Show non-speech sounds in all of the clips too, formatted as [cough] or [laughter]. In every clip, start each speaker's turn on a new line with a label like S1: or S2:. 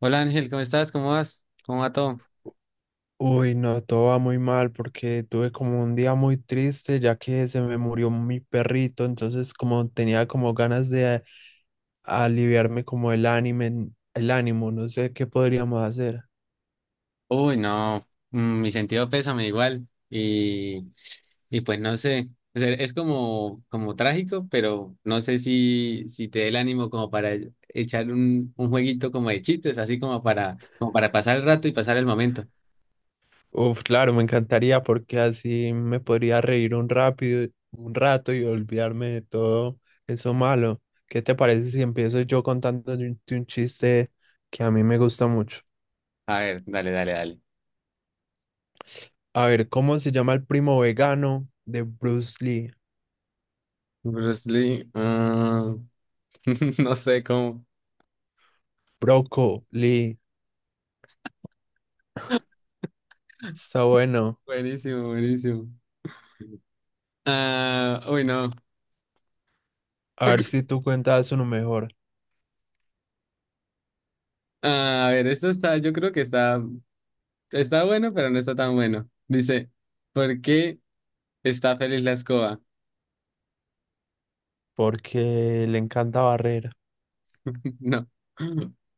S1: Hola Ángel, ¿cómo estás? ¿Cómo vas? ¿Cómo va todo?
S2: Uy, no, todo va muy mal porque tuve como un día muy triste ya que se me murió mi perrito, entonces como tenía como ganas de aliviarme como el ánimo, no sé qué podríamos hacer.
S1: Uy, no, mi sentido pésame igual y pues no sé, o sea, es como, como trágico, pero no sé si te dé el ánimo como para echar un jueguito como de chistes, así como para, como para pasar el rato y pasar el momento.
S2: Uf, claro, me encantaría porque así me podría reír un rápido, un rato y olvidarme de todo eso malo. ¿Qué te parece si empiezo yo contándote un chiste que a mí me gusta mucho?
S1: A ver, dale, dale, dale.
S2: A ver, ¿cómo se llama el primo vegano de Bruce Lee?
S1: Bruce Lee, ah, [laughs] no sé cómo.
S2: Brócoli, está bueno.
S1: Buenísimo, buenísimo. Ah, uy, no.
S2: A ver si tú cuentas uno mejor,
S1: Ah, a ver, esto está, yo creo que está. Está bueno, pero no está tan bueno. Dice, ¿por qué está feliz la escoba?
S2: porque le encanta barrer.
S1: [laughs] No,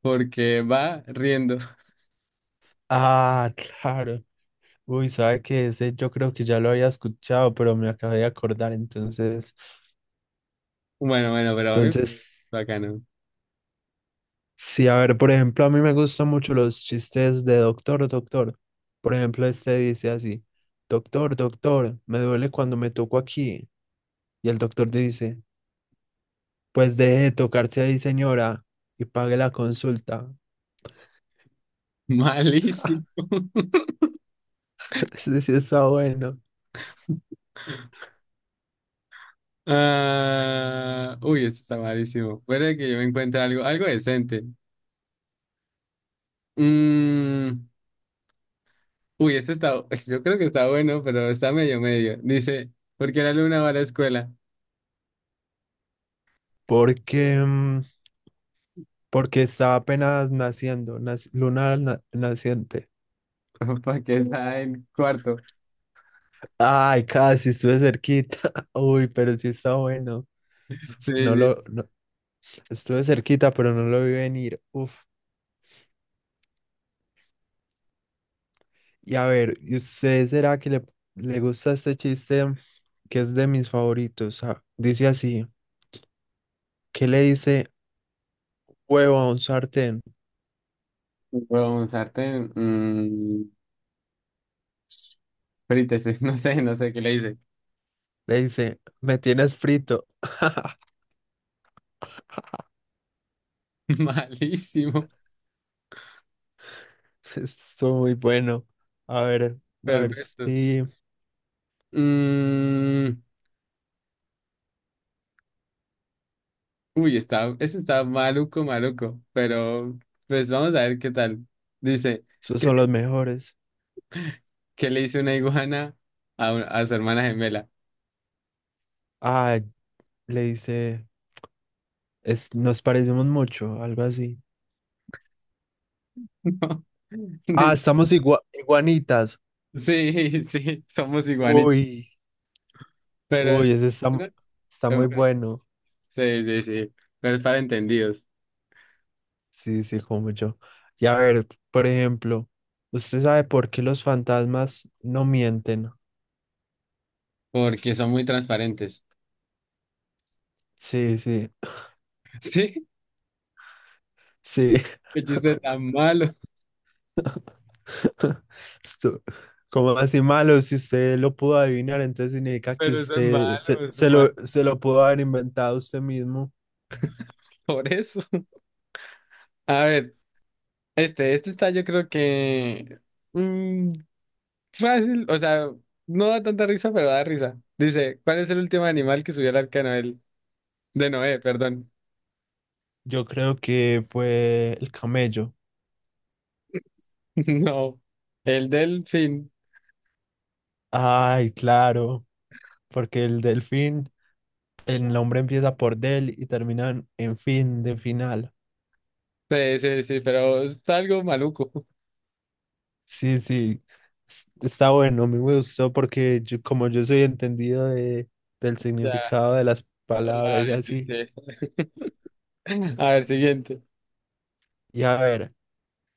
S1: porque va riendo.
S2: Ah, [laughs] claro. Uy, sabe que ese yo creo que ya lo había escuchado, pero me acabé de acordar. Entonces,
S1: Bueno, bueno, pero a mí,
S2: entonces,
S1: bacano.
S2: sí, a ver, por ejemplo, a mí me gustan mucho los chistes de doctor, doctor. Por ejemplo, este dice así, doctor, doctor, me duele cuando me toco aquí. Y el doctor dice, pues deje de tocarse ahí, señora, y pague la consulta.
S1: Malísimo. [laughs]
S2: [laughs] Sí, sí, está bueno.
S1: Ah, uy, esto está malísimo. Puede que yo me encuentre algo, algo decente. Mm, uy, este está, [laughs] yo creo que está bueno, pero está medio medio. Dice, ¿por qué la luna va a la escuela?
S2: Porque, porque está apenas naciendo, luna naciente.
S1: [laughs] Porque está en cuarto.
S2: Ay, casi estuve cerquita. [laughs] Uy, pero sí está bueno.
S1: Sí,
S2: No
S1: sí.
S2: lo, no- Estuve cerquita, pero no lo vi venir. Uf. Y a ver, ¿y usted será que le gusta este chiste que es de mis favoritos? Ah, dice así, ¿qué le dice huevo a un sartén?
S1: Bueno, un sartén. Ahorita sí, [laughs] no sé, no sé qué le hice.
S2: Le dice, me tienes frito.
S1: [laughs] Malísimo,
S2: [laughs] Estuvo muy bueno. A ver, a ver
S1: perfecto.
S2: si...
S1: Mm, uy, está, eso está maluco, maluco, pero pues vamos a ver qué tal. Dice,
S2: Esos
S1: ¿qué,
S2: son los mejores.
S1: qué le hizo una iguana a, a su hermana gemela?
S2: Ah, le dice, es, nos parecemos mucho, algo así.
S1: [laughs] No.
S2: Ah,
S1: Dice,
S2: estamos iguanitas.
S1: sí, sí, somos iguanitos,
S2: Uy,
S1: pero...
S2: uy, ese está,
S1: ¿no?
S2: está muy bueno.
S1: Sí, sí, sí, pero es para entendidos,
S2: Sí, sí, como yo. Y a ver, por ejemplo, ¿usted sabe por qué los fantasmas no mienten?
S1: porque son muy transparentes.
S2: Sí, sí,
S1: [laughs] Sí,
S2: sí.
S1: el chiste tan malo,
S2: [laughs] Esto, como así malo, si usted lo pudo adivinar, entonces significa que
S1: pero eso es
S2: usted
S1: malo, es malo.
S2: se lo pudo haber inventado usted mismo.
S1: Por eso. A ver, este está yo creo que mm, fácil, o sea, no da tanta risa, pero da risa. Dice, ¿cuál es el último animal que subió al arca de Noel? De Noé, perdón.
S2: Yo creo que fue el camello.
S1: [laughs] No, el delfín.
S2: Ay, claro, porque el delfín, el nombre empieza por del y termina en fin, de final.
S1: Sí, sí, sí, pero está algo maluco. [laughs]
S2: Sí, sí, está bueno, a mí me gustó porque yo, como yo soy entendido de, del
S1: Ya.
S2: significado de las
S1: Ay,
S2: palabras y así.
S1: sí, sí. A ver, siguiente.
S2: Y a ver,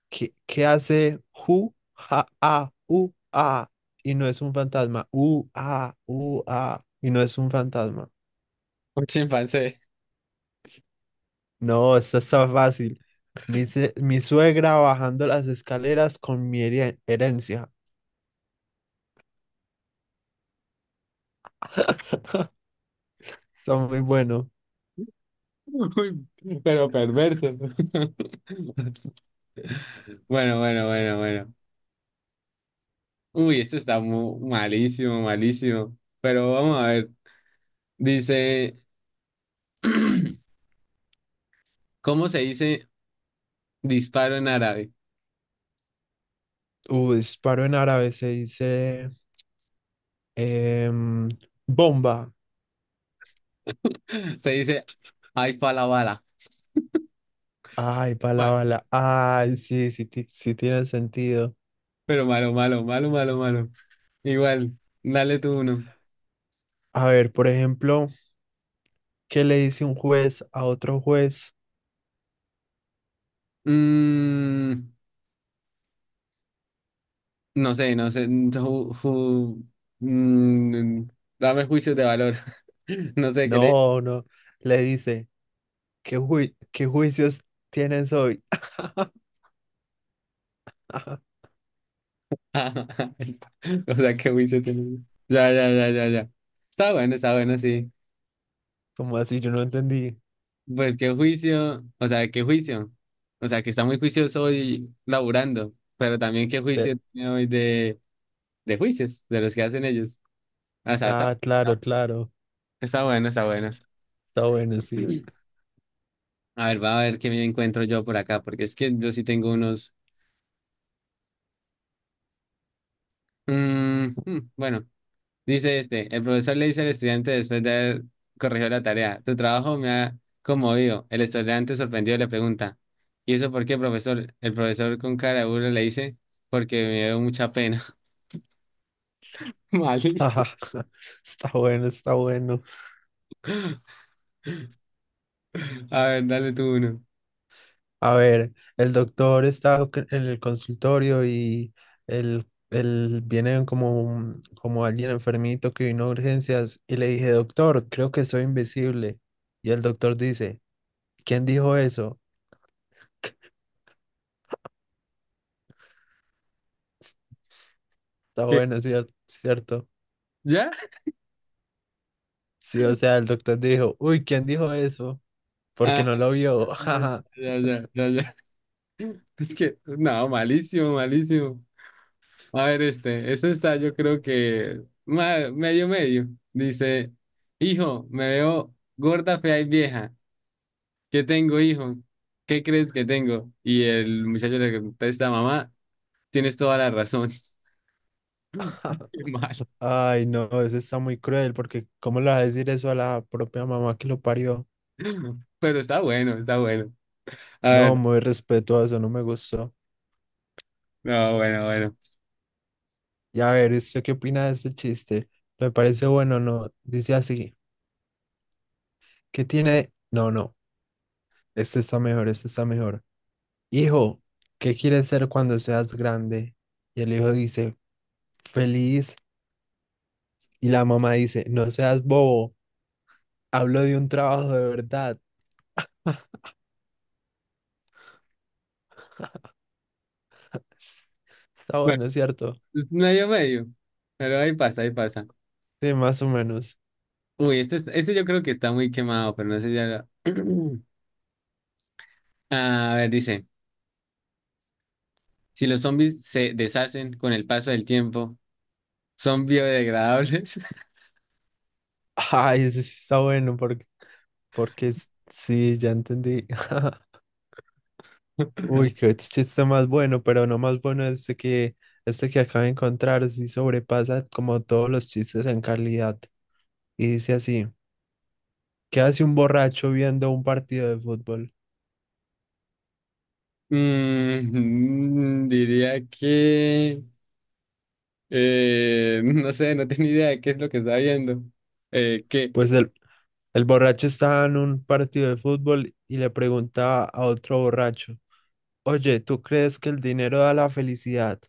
S2: ¿qué, qué hace ju, ja, a, u, a? Y no es un fantasma, u, a, u, a, y no es un fantasma.
S1: Un chimpancé.
S2: No, esta está fácil. Mi suegra bajando las escaleras con mi herencia. Está muy bueno.
S1: [laughs] Uy, pero perverso. [laughs] Bueno, bueno, bueno, bueno. Uy, esto está malísimo, malísimo. Pero vamos a ver. Dice, [clears throat] ¿cómo se dice disparo en árabe?
S2: Disparo en árabe se dice em, bomba.
S1: [laughs] Se dice, ay, pala bala.
S2: Ay, bala,
S1: Malo.
S2: bala. Ay, sí, sí, sí tiene sentido.
S1: Pero malo, malo, malo, malo, malo. Igual, dale tú uno.
S2: A ver, por ejemplo, ¿qué le dice un juez a otro juez?
S1: Mm, no sé, no sé. Mm, dame juicios de valor. [laughs] No sé qué le.
S2: No, no. Le dice, ¿qué, qué juicios tienes hoy? [laughs]
S1: [laughs] O sea, qué juicio tiene. Ya, ya, ya, ya, ya. Está bueno, sí.
S2: como así? Yo no entendí.
S1: Pues qué juicio, o sea, qué juicio. O sea, que está muy juicioso hoy laburando, pero también qué
S2: Se,
S1: juicio tiene hoy de juicios, de los que hacen ellos. O sea, está,
S2: ah, claro, claro.
S1: está bueno, está bueno.
S2: Está bueno, sí.
S1: [clears throat] A ver, va a ver qué me encuentro yo por acá, porque es que yo sí tengo unos... mm, bueno. Dice este, el profesor le dice al estudiante después de haber corregido la tarea, tu trabajo me ha conmovido. El estudiante sorprendido le pregunta, ¿y eso por qué, profesor? El profesor con cara de burla le dice, porque me dio mucha pena. [laughs] Malísimo.
S2: [laughs] Está bueno, está bueno.
S1: A ver, dale tú uno.
S2: A ver, el doctor está en el consultorio y viene como, como alguien enfermito que vino a urgencias y le dije, doctor, creo que soy invisible. Y el doctor dice, ¿quién dijo eso? Está
S1: ¿Qué?
S2: bueno, cierto.
S1: ¿Ya?
S2: Sí, o sea, el doctor dijo, uy, ¿quién dijo eso? Porque
S1: Ah,
S2: no lo vio. [laughs]
S1: ya, ya, ya, ya. [laughs] Es que, no, malísimo, malísimo. A ver, este, eso está, yo creo que medio, medio. Dice, hijo, me veo gorda, fea y vieja. ¿Qué tengo, hijo? ¿Qué crees que tengo? Y el muchacho le contesta, mamá, tienes toda la razón. [laughs] Qué mal.
S2: Ay, no, eso está muy cruel porque ¿cómo le va a decir eso a la propia mamá que lo parió?
S1: Pero está bueno, está bueno. A
S2: No,
S1: ver,
S2: muy respetuoso, no me gustó.
S1: no, bueno, bueno.
S2: Y a ver, ¿usted qué opina de este chiste? ¿Le parece bueno o no? Dice así, ¿qué tiene? No, no, este está mejor, este está mejor. Hijo, ¿qué quieres ser cuando seas grande? Y el hijo dice, feliz. Y la mamá dice, no seas bobo, hablo de un trabajo de verdad. Está
S1: Bueno,
S2: bueno, ¿cierto?
S1: medio, medio. Pero ahí pasa, ahí pasa.
S2: Sí, más o menos.
S1: Uy, este yo creo que está muy quemado, pero no sé si ya lo- [clears throat] A ver, dice, si los zombies se deshacen con el paso del tiempo, ¿son biodegradables?
S2: Ay, ese sí está bueno, porque, porque sí, ya entendí. [laughs] Uy,
S1: [laughs]
S2: qué chiste más bueno, pero no más bueno este que acabo de encontrar, sí sobrepasa como todos los chistes en calidad. Y dice así, ¿qué hace un borracho viendo un partido de fútbol?
S1: Diría que... [laughs] no sé, no tenía idea de qué es lo que está viendo. ¿Qué?
S2: Pues el borracho estaba en un partido de fútbol y le pregunta a otro borracho, oye, ¿tú crees que el dinero da la felicidad?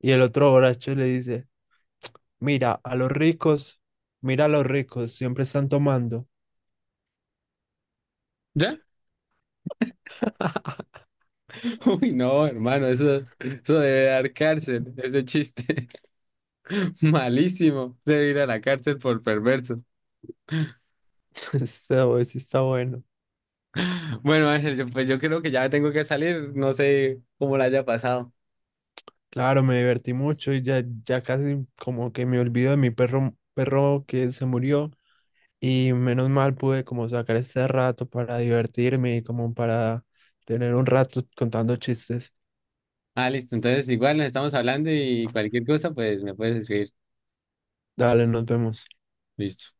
S2: Y el otro borracho le dice, mira, a los ricos, mira a los ricos, siempre están tomando.
S1: ¿Ya? [laughs] Uy, no, hermano, eso debe dar cárcel, ese chiste. [laughs] Malísimo. Debe ir a la cárcel por perverso.
S2: [laughs] Este sí está bueno.
S1: [laughs] Bueno, Ángel, pues yo creo que ya tengo que salir. No sé cómo la haya pasado.
S2: Claro, me divertí mucho y ya, ya casi como que me olvido de mi perro, perro que se murió y menos mal pude como sacar este rato para divertirme y como para tener un rato contando chistes.
S1: Ah, listo. Entonces, igual nos estamos hablando y cualquier cosa, pues me puedes escribir.
S2: Dale, nos vemos.
S1: Listo.